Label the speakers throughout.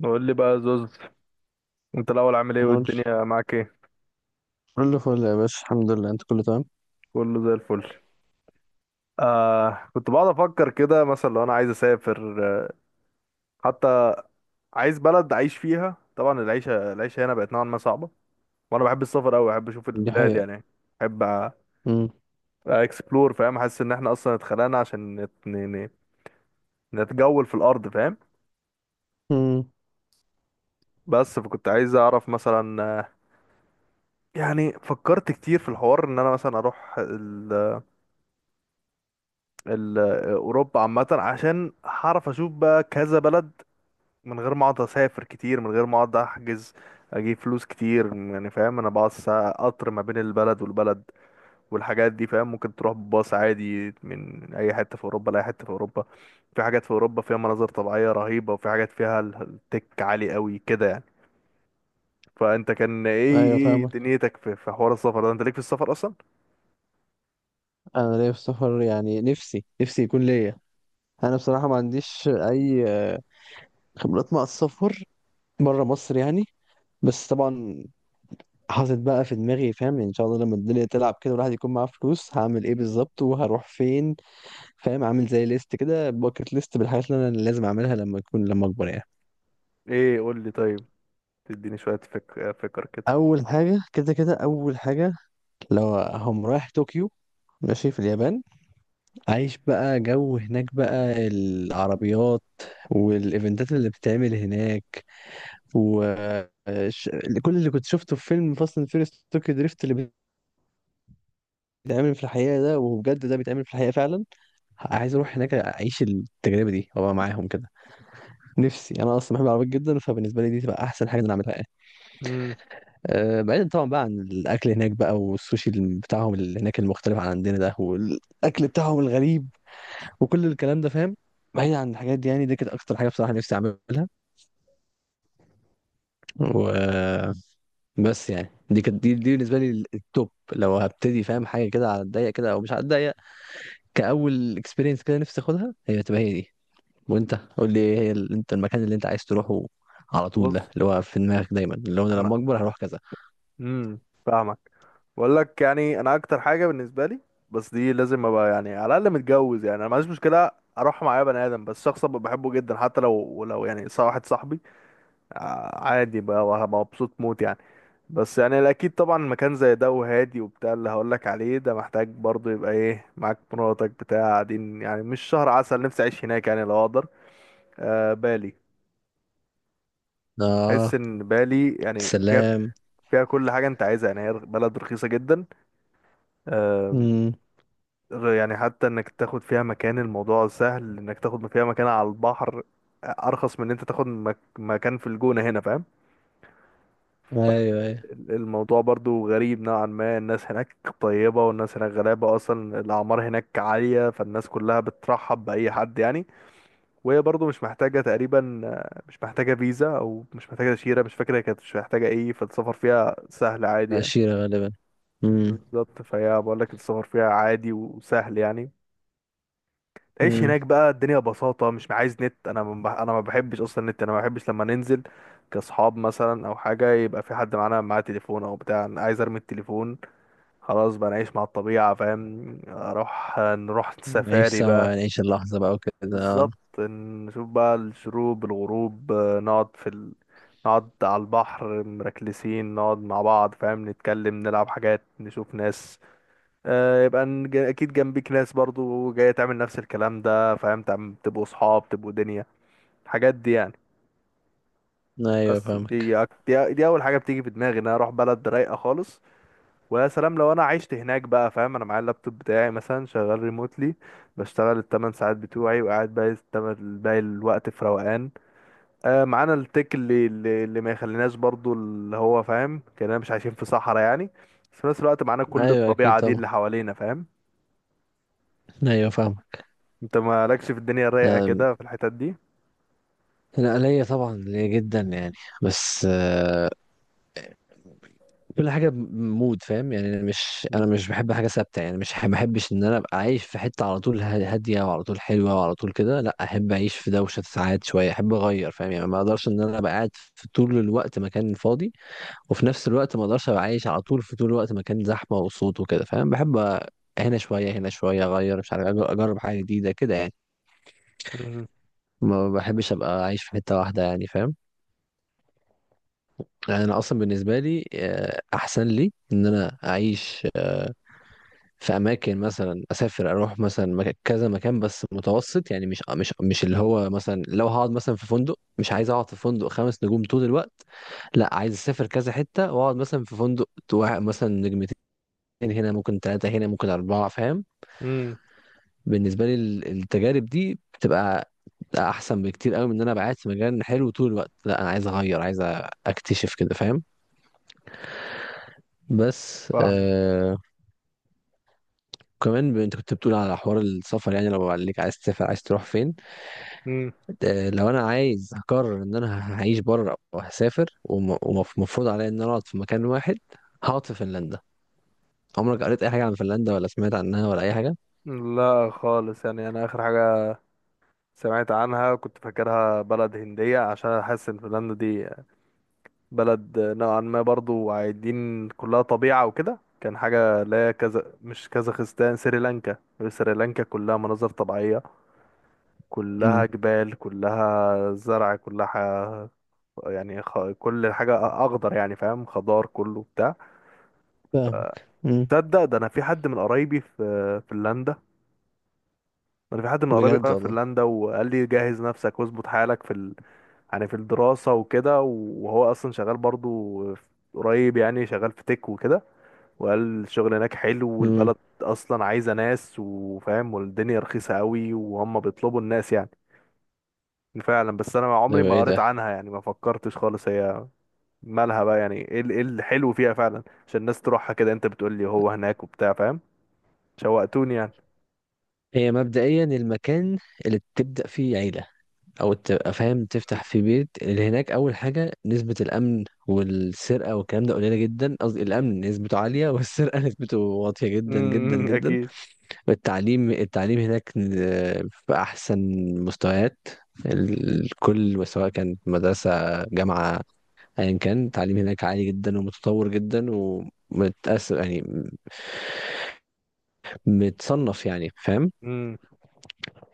Speaker 1: نقول لي بقى يا زوز، انت الاول عامل ايه
Speaker 2: نقول،
Speaker 1: والدنيا معاك ايه؟
Speaker 2: كله فل يا باشا، الحمد لله. انت كله تمام؟
Speaker 1: كله زي الفل. كنت بقعد افكر كده مثلا لو انا عايز اسافر، حتى عايز بلد اعيش فيها. طبعا العيشه هنا بقت نوعا ما صعبه، وانا بحب السفر قوي، بحب اشوف
Speaker 2: دي
Speaker 1: البلاد
Speaker 2: حقيقة.
Speaker 1: يعني، بحب
Speaker 2: امم،
Speaker 1: اكسبلور. فاهم، حاسس ان احنا اصلا اتخلقنا عشان نتجول في الارض، فاهم.
Speaker 2: امم.
Speaker 1: بس فكنت عايز اعرف مثلا، يعني فكرت كتير في الحوار ان انا مثلا اروح ال- اوروبا عامه، عشان هعرف اشوف بقى كذا بلد من غير ما اقعد اسافر كتير، من غير ما اقعد احجز اجيب فلوس كتير يعني، فاهم. انا بقعد ساعة قطر ما بين البلد والبلد والحاجات دي فاهم، ممكن تروح بباص عادي من اي حته في اوروبا لاي حته في اوروبا. في حاجات في اوروبا فيها مناظر طبيعيه رهيبه، وفي حاجات فيها التك عالي قوي كده يعني. فانت كان ايه
Speaker 2: ايوه،
Speaker 1: ايه
Speaker 2: فاهمك.
Speaker 1: دنيتك في حوار السفر ده، انت ليك في السفر اصلا؟
Speaker 2: انا ليا في السفر يعني، نفسي يكون ليا. انا بصراحة ما عنديش اي خبرات مع السفر بره مصر يعني. بس طبعا حاطط بقى في دماغي، فاهم يعني، ان شاء الله لما الدنيا تلعب كده والواحد يكون معاه فلوس هعمل ايه بالظبط وهروح فين. فاهم، عامل زي ليست كده، باكت ليست بالحاجات اللي انا لازم اعملها لما اكبر يعني.
Speaker 1: ايه قول لي طيب، تديني شويه فكر كده.
Speaker 2: اول حاجة كده، كده اول حاجة. لو هم رايح طوكيو، ماشي في اليابان، عايش بقى جو هناك، بقى العربيات والايفنتات اللي بتتعمل هناك، و ش- كل اللي كنت شفته في فيلم فاست اند فيريس طوكيو دريفت اللي بيتعمل في الحقيقة ده، وبجد ده بيتعمل في الحقيقة فعلا. عايز اروح هناك اعيش التجربة دي وابقى معاهم كده. نفسي، انا اصلا بحب العربيات جدا، فبالنسبة لي دي تبقى احسن حاجة انا اعملها يعني.
Speaker 1: امم
Speaker 2: أه، بعيدا طبعا بقى عن الاكل هناك بقى، والسوشي بتاعهم اللي هناك المختلف عن عندنا ده، والاكل بتاعهم الغريب وكل الكلام ده فاهم. بعيد عن الحاجات دي يعني، دي كانت اكتر حاجه بصراحه نفسي اعملها. و بس يعني دي بالنسبه لي التوب. لو هبتدي فاهم حاجه كده على الضيق كده او مش على الضيق، كاول اكسبيرينس كده، نفسي اخدها هي تبقى هي دي. وانت قول لي ايه هي انت المكان اللي انت عايز تروحه على طول،
Speaker 1: بص،
Speaker 2: ده اللي هو في دماغك دايما، اللي هو انا
Speaker 1: انا
Speaker 2: لما اكبر هروح كذا؟
Speaker 1: امم فاهمك. بقول لك يعني انا اكتر حاجه بالنسبه لي، بس دي لازم ابقى يعني على الاقل متجوز. يعني انا معيش مشكله اروح معايا بني ادم، بس شخص ابقى بحبه جدا، حتى لو واحد صاحبي عادي بقى، وهبقى مبسوط موت يعني. بس يعني الاكيد طبعا مكان زي ده وهادي وبتاع اللي هقول لك عليه ده، محتاج برضه يبقى ايه، معاك مراتك بتاع، قاعدين يعني مش شهر عسل، نفسي اعيش هناك يعني لو اقدر. بالي، بحس
Speaker 2: اه.
Speaker 1: ان بالي يعني فيها
Speaker 2: سلام.
Speaker 1: فيها كل حاجه انت عايزها. يعني هي بلد رخيصه جدا، آه،
Speaker 2: امم.
Speaker 1: يعني حتى انك تاخد فيها مكان، الموضوع سهل انك تاخد فيها مكان على البحر ارخص من ان انت تاخد مكان في الجونة هنا، فاهم.
Speaker 2: ايوه، ايوه،
Speaker 1: الموضوع برضو غريب نوعا ما، الناس هناك طيبة، والناس هناك غلابة، أصلا الأعمار هناك عالية، فالناس كلها بترحب بأي حد يعني. وهي برضو مش محتاجة تقريبا، مش محتاجة فيزا، أو مش محتاجة تأشيرة، مش فاكرة هي كانت مش محتاجة إيه، فالسفر فيها سهل عادي يعني.
Speaker 2: عشيره غالبا. امم،
Speaker 1: بالظبط، فهي بقول لك السفر فيها عادي وسهل يعني. تعيش
Speaker 2: امم.
Speaker 1: هناك بقى الدنيا ببساطة، مش عايز نت، انا ما بحبش اصلا النت. انا ما بحبش لما ننزل كاصحاب مثلا او حاجة يبقى في حد معانا معاه تليفون او بتاع، انا عايز ارمي التليفون. خلاص بقى نعيش مع الطبيعة فاهم، نروح
Speaker 2: نعيش
Speaker 1: سفاري
Speaker 2: سوا
Speaker 1: بقى.
Speaker 2: يعني، نعيش اللحظه بقى وكده.
Speaker 1: بالظبط، نشوف بقى الشروق الغروب، نقعد في نقعد على البحر مركلسين، نقعد مع بعض فاهم، نتكلم نلعب حاجات نشوف ناس، يبقى اكيد جنبيك ناس برضو جاية تعمل نفس الكلام ده فاهم، تبقوا صحاب تبقوا دنيا، الحاجات دي يعني.
Speaker 2: ايوه،
Speaker 1: بس
Speaker 2: فاهم.
Speaker 1: دي دي اول حاجة بتيجي في دماغي، ان انا اروح بلد رايقة خالص. ويا سلام لو انا عشت هناك بقى فاهم، انا معايا اللابتوب بتاعي مثلا شغال ريموتلي، بشتغل الثمان ساعات بتوعي وقاعد باقي باقي الوقت في روقان، معانا التك اللي ما يخليناش برضو، اللي هو فاهم كأننا مش عايشين في صحراء يعني، بس في نفس الوقت معانا كل
Speaker 2: ايوه، اكيد
Speaker 1: الطبيعة دي
Speaker 2: طبعا.
Speaker 1: اللي حوالينا، فاهم.
Speaker 2: ايوه، فاهمك.
Speaker 1: انت مالكش في الدنيا الرايقة
Speaker 2: أم،
Speaker 1: كده في الحتت دي؟
Speaker 2: انا ليا طبعا، ليا جدا يعني. بس كل حاجه بمود، فاهم يعني، انا مش انا
Speaker 1: مم.
Speaker 2: مش بحب حاجه ثابته يعني، مش ما بحبش ان انا ابقى عايش في حته على طول هاديه وعلى طول حلوه وعلى طول كده. لا، احب اعيش في دوشه ساعات، شويه احب اغير، فاهم يعني، ما اقدرش ان انا ابقى قاعد في طول الوقت مكان فاضي، وفي نفس الوقت ما اقدرش ابقى عايش على طول في طول الوقت مكان زحمه وصوت وكده، فاهم. بحب هنا شويه، هنا شويه اغير، مش عارف، اجرب حاجه جديده كده يعني.
Speaker 1: مم.
Speaker 2: ما بحبش ابقى عايش في حته واحده يعني، فاهم. يعني انا اصلا بالنسبه لي احسن لي ان انا اعيش في اماكن، مثلا اسافر اروح مثلا كذا مكان، بس متوسط يعني، مش اللي هو مثلا لو هقعد مثلا في فندق، مش عايز اقعد في فندق 5 نجوم طول الوقت. لا، عايز اسافر كذا حته واقعد مثلا في فندق واحد مثلا نجمتين، هنا ممكن ثلاثه، هنا ممكن اربعه، فاهم.
Speaker 1: مم.
Speaker 2: بالنسبه لي التجارب دي بتبقى احسن بكتير قوي من ان انا أبقى قاعد في مكان حلو طول الوقت. لا، انا عايز اغير، عايز اكتشف كده، فاهم. بس
Speaker 1: فاهم.
Speaker 2: وكمان انت كنت بتقول على حوار السفر، يعني لو قال لك عايز تسافر، عايز تروح فين؟
Speaker 1: مم.
Speaker 2: لو انا عايز اقرر ان انا هعيش بره وهسافر، ومفروض عليا ان انا اقعد في مكان واحد، هقعد في فنلندا. عمرك قريت اي حاجه عن فنلندا ولا سمعت عنها ولا اي حاجه؟
Speaker 1: لا خالص، يعني انا اخر حاجة سمعت عنها كنت فاكرها بلد هندية، عشان حاسس ان فنلندا دي بلد نوعا ما برضو عايدين كلها طبيعة وكده، كان حاجة لا كذا، مش كازاخستان، سريلانكا. سريلانكا كلها مناظر طبيعية، كلها
Speaker 2: امم.
Speaker 1: جبال كلها زرع كلها يعني كل حاجة أخضر يعني، فاهم، خضار كله بتاع.
Speaker 2: فاهمك. امم.
Speaker 1: تصدق ده انا في حد من قرايبي في فنلندا، انا في حد من قرايبي
Speaker 2: بجد
Speaker 1: فعلا في
Speaker 2: والله.
Speaker 1: فنلندا، وقال لي جهز نفسك واظبط حالك في يعني في الدراسة وكده. وهو اصلا شغال برضو قريب يعني، شغال في تك وكده، وقال الشغل هناك حلو
Speaker 2: امم.
Speaker 1: والبلد اصلا عايزة ناس وفاهم، والدنيا رخيصة قوي، وهم بيطلبوا الناس يعني فعلا. بس انا
Speaker 2: ده
Speaker 1: عمري
Speaker 2: بقى
Speaker 1: ما
Speaker 2: ايه
Speaker 1: قريت
Speaker 2: ده؟
Speaker 1: عنها يعني، ما فكرتش خالص. هي مالها بقى يعني، ايه إيه الحلو فيها فعلا عشان الناس تروحها كده؟ انت بتقول لي هو هناك وبتاع، فاهم، شوقتوني يعني.
Speaker 2: هي مبدئيا المكان اللي بتبدا فيه عيله، او تبقى فاهم تفتح في بيت اللي هناك. اول حاجه، نسبه الامن والسرقه والكلام ده قليله جدا، قصدي الامن نسبته عاليه والسرقه نسبته واطيه جدا جدا جدا.
Speaker 1: اكيد.
Speaker 2: والتعليم، التعليم هناك في احسن مستويات، الكل سواء كانت مدرسه، جامعه، ايا كان، التعليم هناك عالي جدا ومتطور جدا ومتأثر يعني، متصنف يعني، فاهم.
Speaker 1: امم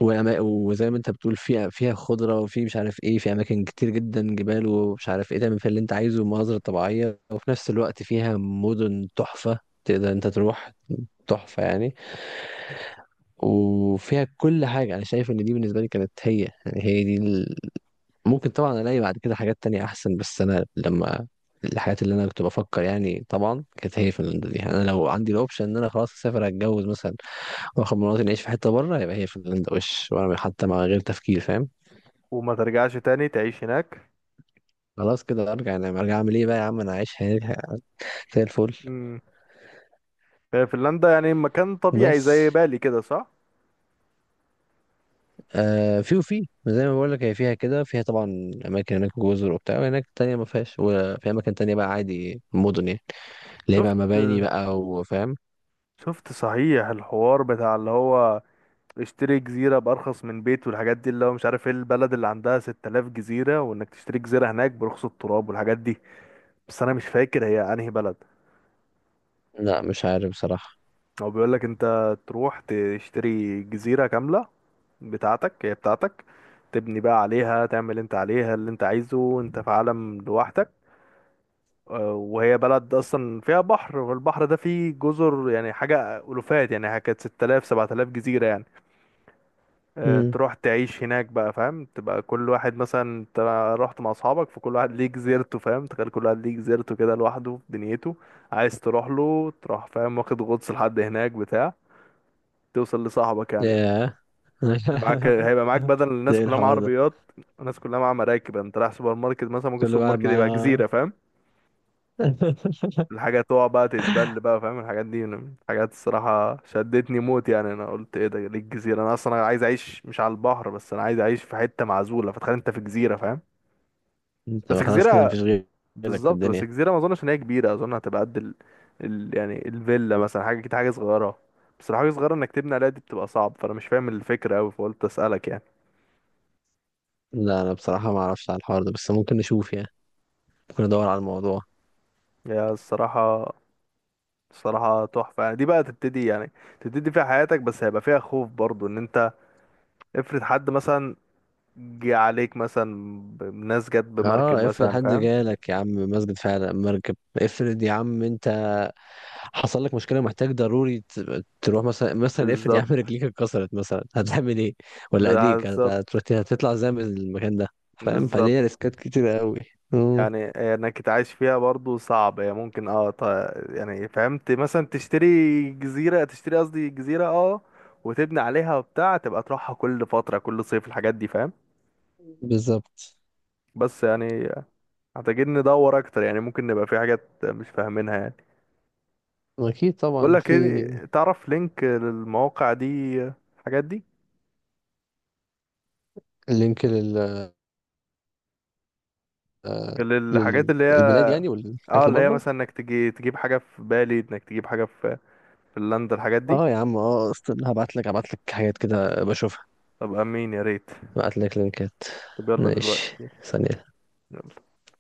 Speaker 2: وزي ما انت بتقول، فيها، فيها خضرة، وفي مش عارف ايه، في اماكن كتير جدا، جبال ومش عارف ايه، تعمل فيها اللي انت عايزه ومناظر طبيعية، وفي نفس الوقت فيها مدن تحفة تقدر انت تروح، تحفة يعني. وفيها كل حاجة، انا شايف ان دي بالنسبة لي كانت هي، يعني هي دي ممكن طبعا الاقي بعد كده حاجات تانية احسن، بس انا لما، الحاجات اللي انا كنت بفكر يعني طبعا كانت هي فنلندا دي يعني. انا لو عندي الاوبشن ان انا خلاص اسافر، اتجوز مثلا، واخد مراتي نعيش في حته بره، يبقى هي فنلندا وش، وانا حتى مع غير تفكير، فاهم.
Speaker 1: وما ترجعش تاني تعيش هناك؟
Speaker 2: خلاص كده ارجع انام، ارجع اعمل ايه بقى يا عم، انا عايش حياتي زي الفل.
Speaker 1: امم هي فنلندا يعني مكان طبيعي
Speaker 2: بس
Speaker 1: زي بالي كده، صح؟
Speaker 2: في، وفي زي ما بقول لك، هي فيها كده، فيها طبعا اماكن هناك جزر وبتاع، وهناك تانية ما فيهاش، وفي اماكن تانية بقى عادي مدن يعني، اللي هي بقى
Speaker 1: شفت
Speaker 2: مباني بقى، وفاهم.
Speaker 1: شفت صحيح الحوار بتاع اللي هو اشتري جزيرة بأرخص من بيت والحاجات دي، اللي هو مش عارف ايه البلد اللي عندها 6000 جزيرة، وانك تشتري جزيرة هناك برخص التراب والحاجات دي، بس انا مش فاكر هي انهي بلد.
Speaker 2: لا، مش عارف بصراحة.
Speaker 1: هو بيقول لك انت تروح تشتري جزيرة كاملة بتاعتك، هي بتاعتك، تبني بقى عليها، تعمل انت عليها اللي انت عايزه، انت في عالم لوحدك. وهي بلد اصلا فيها بحر، والبحر ده فيه جزر، يعني حاجه الوفات يعني، كانت 6000 7000 جزيره يعني.
Speaker 2: امم.
Speaker 1: تروح تعيش هناك بقى فاهم، تبقى كل واحد، مثلا انت رحت مع اصحابك فكل واحد ليه جزيرته، فاهم، تخيل كل واحد ليه جزيرته كده لوحده في دنيته، عايز تروح له تروح، فاهم، واخد غطس لحد هناك بتاع، توصل لصاحبك يعني.
Speaker 2: ياه.
Speaker 1: معاك، هيبقى معاك بدل
Speaker 2: ده
Speaker 1: الناس
Speaker 2: ايه
Speaker 1: كلها مع
Speaker 2: الحوار ده؟
Speaker 1: عربيات، الناس كلها مع مراكب يعني. انت رايح سوبر ماركت مثلا، ممكن
Speaker 2: كل
Speaker 1: السوبر
Speaker 2: واحد
Speaker 1: ماركت يبقى
Speaker 2: مع،
Speaker 1: جزيره، الحاجة تقع بقى تتبل بقى، فاهم. الحاجات دي من الحاجات الصراحة شدتني موت يعني. أنا قلت إيه ده، ليه الجزيرة؟ أنا أصلا عايز أعيش مش على البحر بس، أنا عايز أعيش في حتة معزولة، فتخيل أنت في جزيرة، فاهم.
Speaker 2: انت
Speaker 1: بس
Speaker 2: خلاص كده
Speaker 1: جزيرة،
Speaker 2: مفيش غيرك في
Speaker 1: بالظبط،
Speaker 2: الدنيا.
Speaker 1: بس جزيرة ما أظنش إن هي كبيرة، أظن هتبقى قد يعني الفيلا مثلا، حاجة كده حاجة صغيرة. بس لو حاجة صغيرة إنك تبني عليها، دي بتبقى صعب، فأنا مش فاهم الفكرة أوي فقلت أسألك يعني.
Speaker 2: لا، انا بصراحة ما اعرفش على الحوار ده، بس ممكن نشوف يعني، ممكن ندور على الموضوع.
Speaker 1: يا الصراحة الصراحة تحفة يعني، دي بقى تبتدي يعني تبتدي فيها حياتك، بس هيبقى فيها خوف برضو، إن أنت افرض حد مثلا جه عليك مثلا، ناس جت بمركب
Speaker 2: اه، افرض
Speaker 1: مثلا
Speaker 2: حد
Speaker 1: فاهم.
Speaker 2: جالك يا عم، مسجد فعلا مركب، افرض يا عم انت حصل لك مشكله، محتاج ضروري تروح مثلا افرض يا عم
Speaker 1: بالظبط،
Speaker 2: رجليك اتكسرت مثلا، هتعمل ايه؟ ولا ايديك
Speaker 1: بالظبط،
Speaker 2: هتطلع ازاي من المكان ده؟ فاهم،
Speaker 1: بالظبط،
Speaker 2: فليه ريسكات كتير قوي. امم.
Speaker 1: يعني انك تعيش فيها برضو صعب. هي ممكن يعني فهمت، مثلا تشتري جزيرة، تشتري قصدي جزيرة، وتبني عليها وبتاع، تبقى تروحها كل فترة كل صيف الحاجات دي، فاهم.
Speaker 2: بالظبط.
Speaker 1: بس يعني محتاجين ندور اكتر يعني، ممكن نبقى في حاجات مش فاهمينها يعني.
Speaker 2: اكيد
Speaker 1: بقول
Speaker 2: طبعا.
Speaker 1: لك
Speaker 2: في
Speaker 1: ايه، تعرف لينك للمواقع دي، الحاجات دي،
Speaker 2: لينك
Speaker 1: للحاجات اللي هي
Speaker 2: للبلاد يعني،
Speaker 1: اه
Speaker 2: والحاجات
Speaker 1: اللي
Speaker 2: اللي
Speaker 1: هي
Speaker 2: بره؟
Speaker 1: مثلا انك تجي تجيب حاجة في بالي، انك تجيب حاجة في فنلندا الحاجات دي؟
Speaker 2: اه يا عم، اه، استنى، هبعت لك حاجات كده بشوفها.
Speaker 1: طب امين يا ريت.
Speaker 2: هبعت لك لينكات.
Speaker 1: طب يلا
Speaker 2: ماشي.
Speaker 1: دلوقتي.
Speaker 2: ثانية.
Speaker 1: يلا.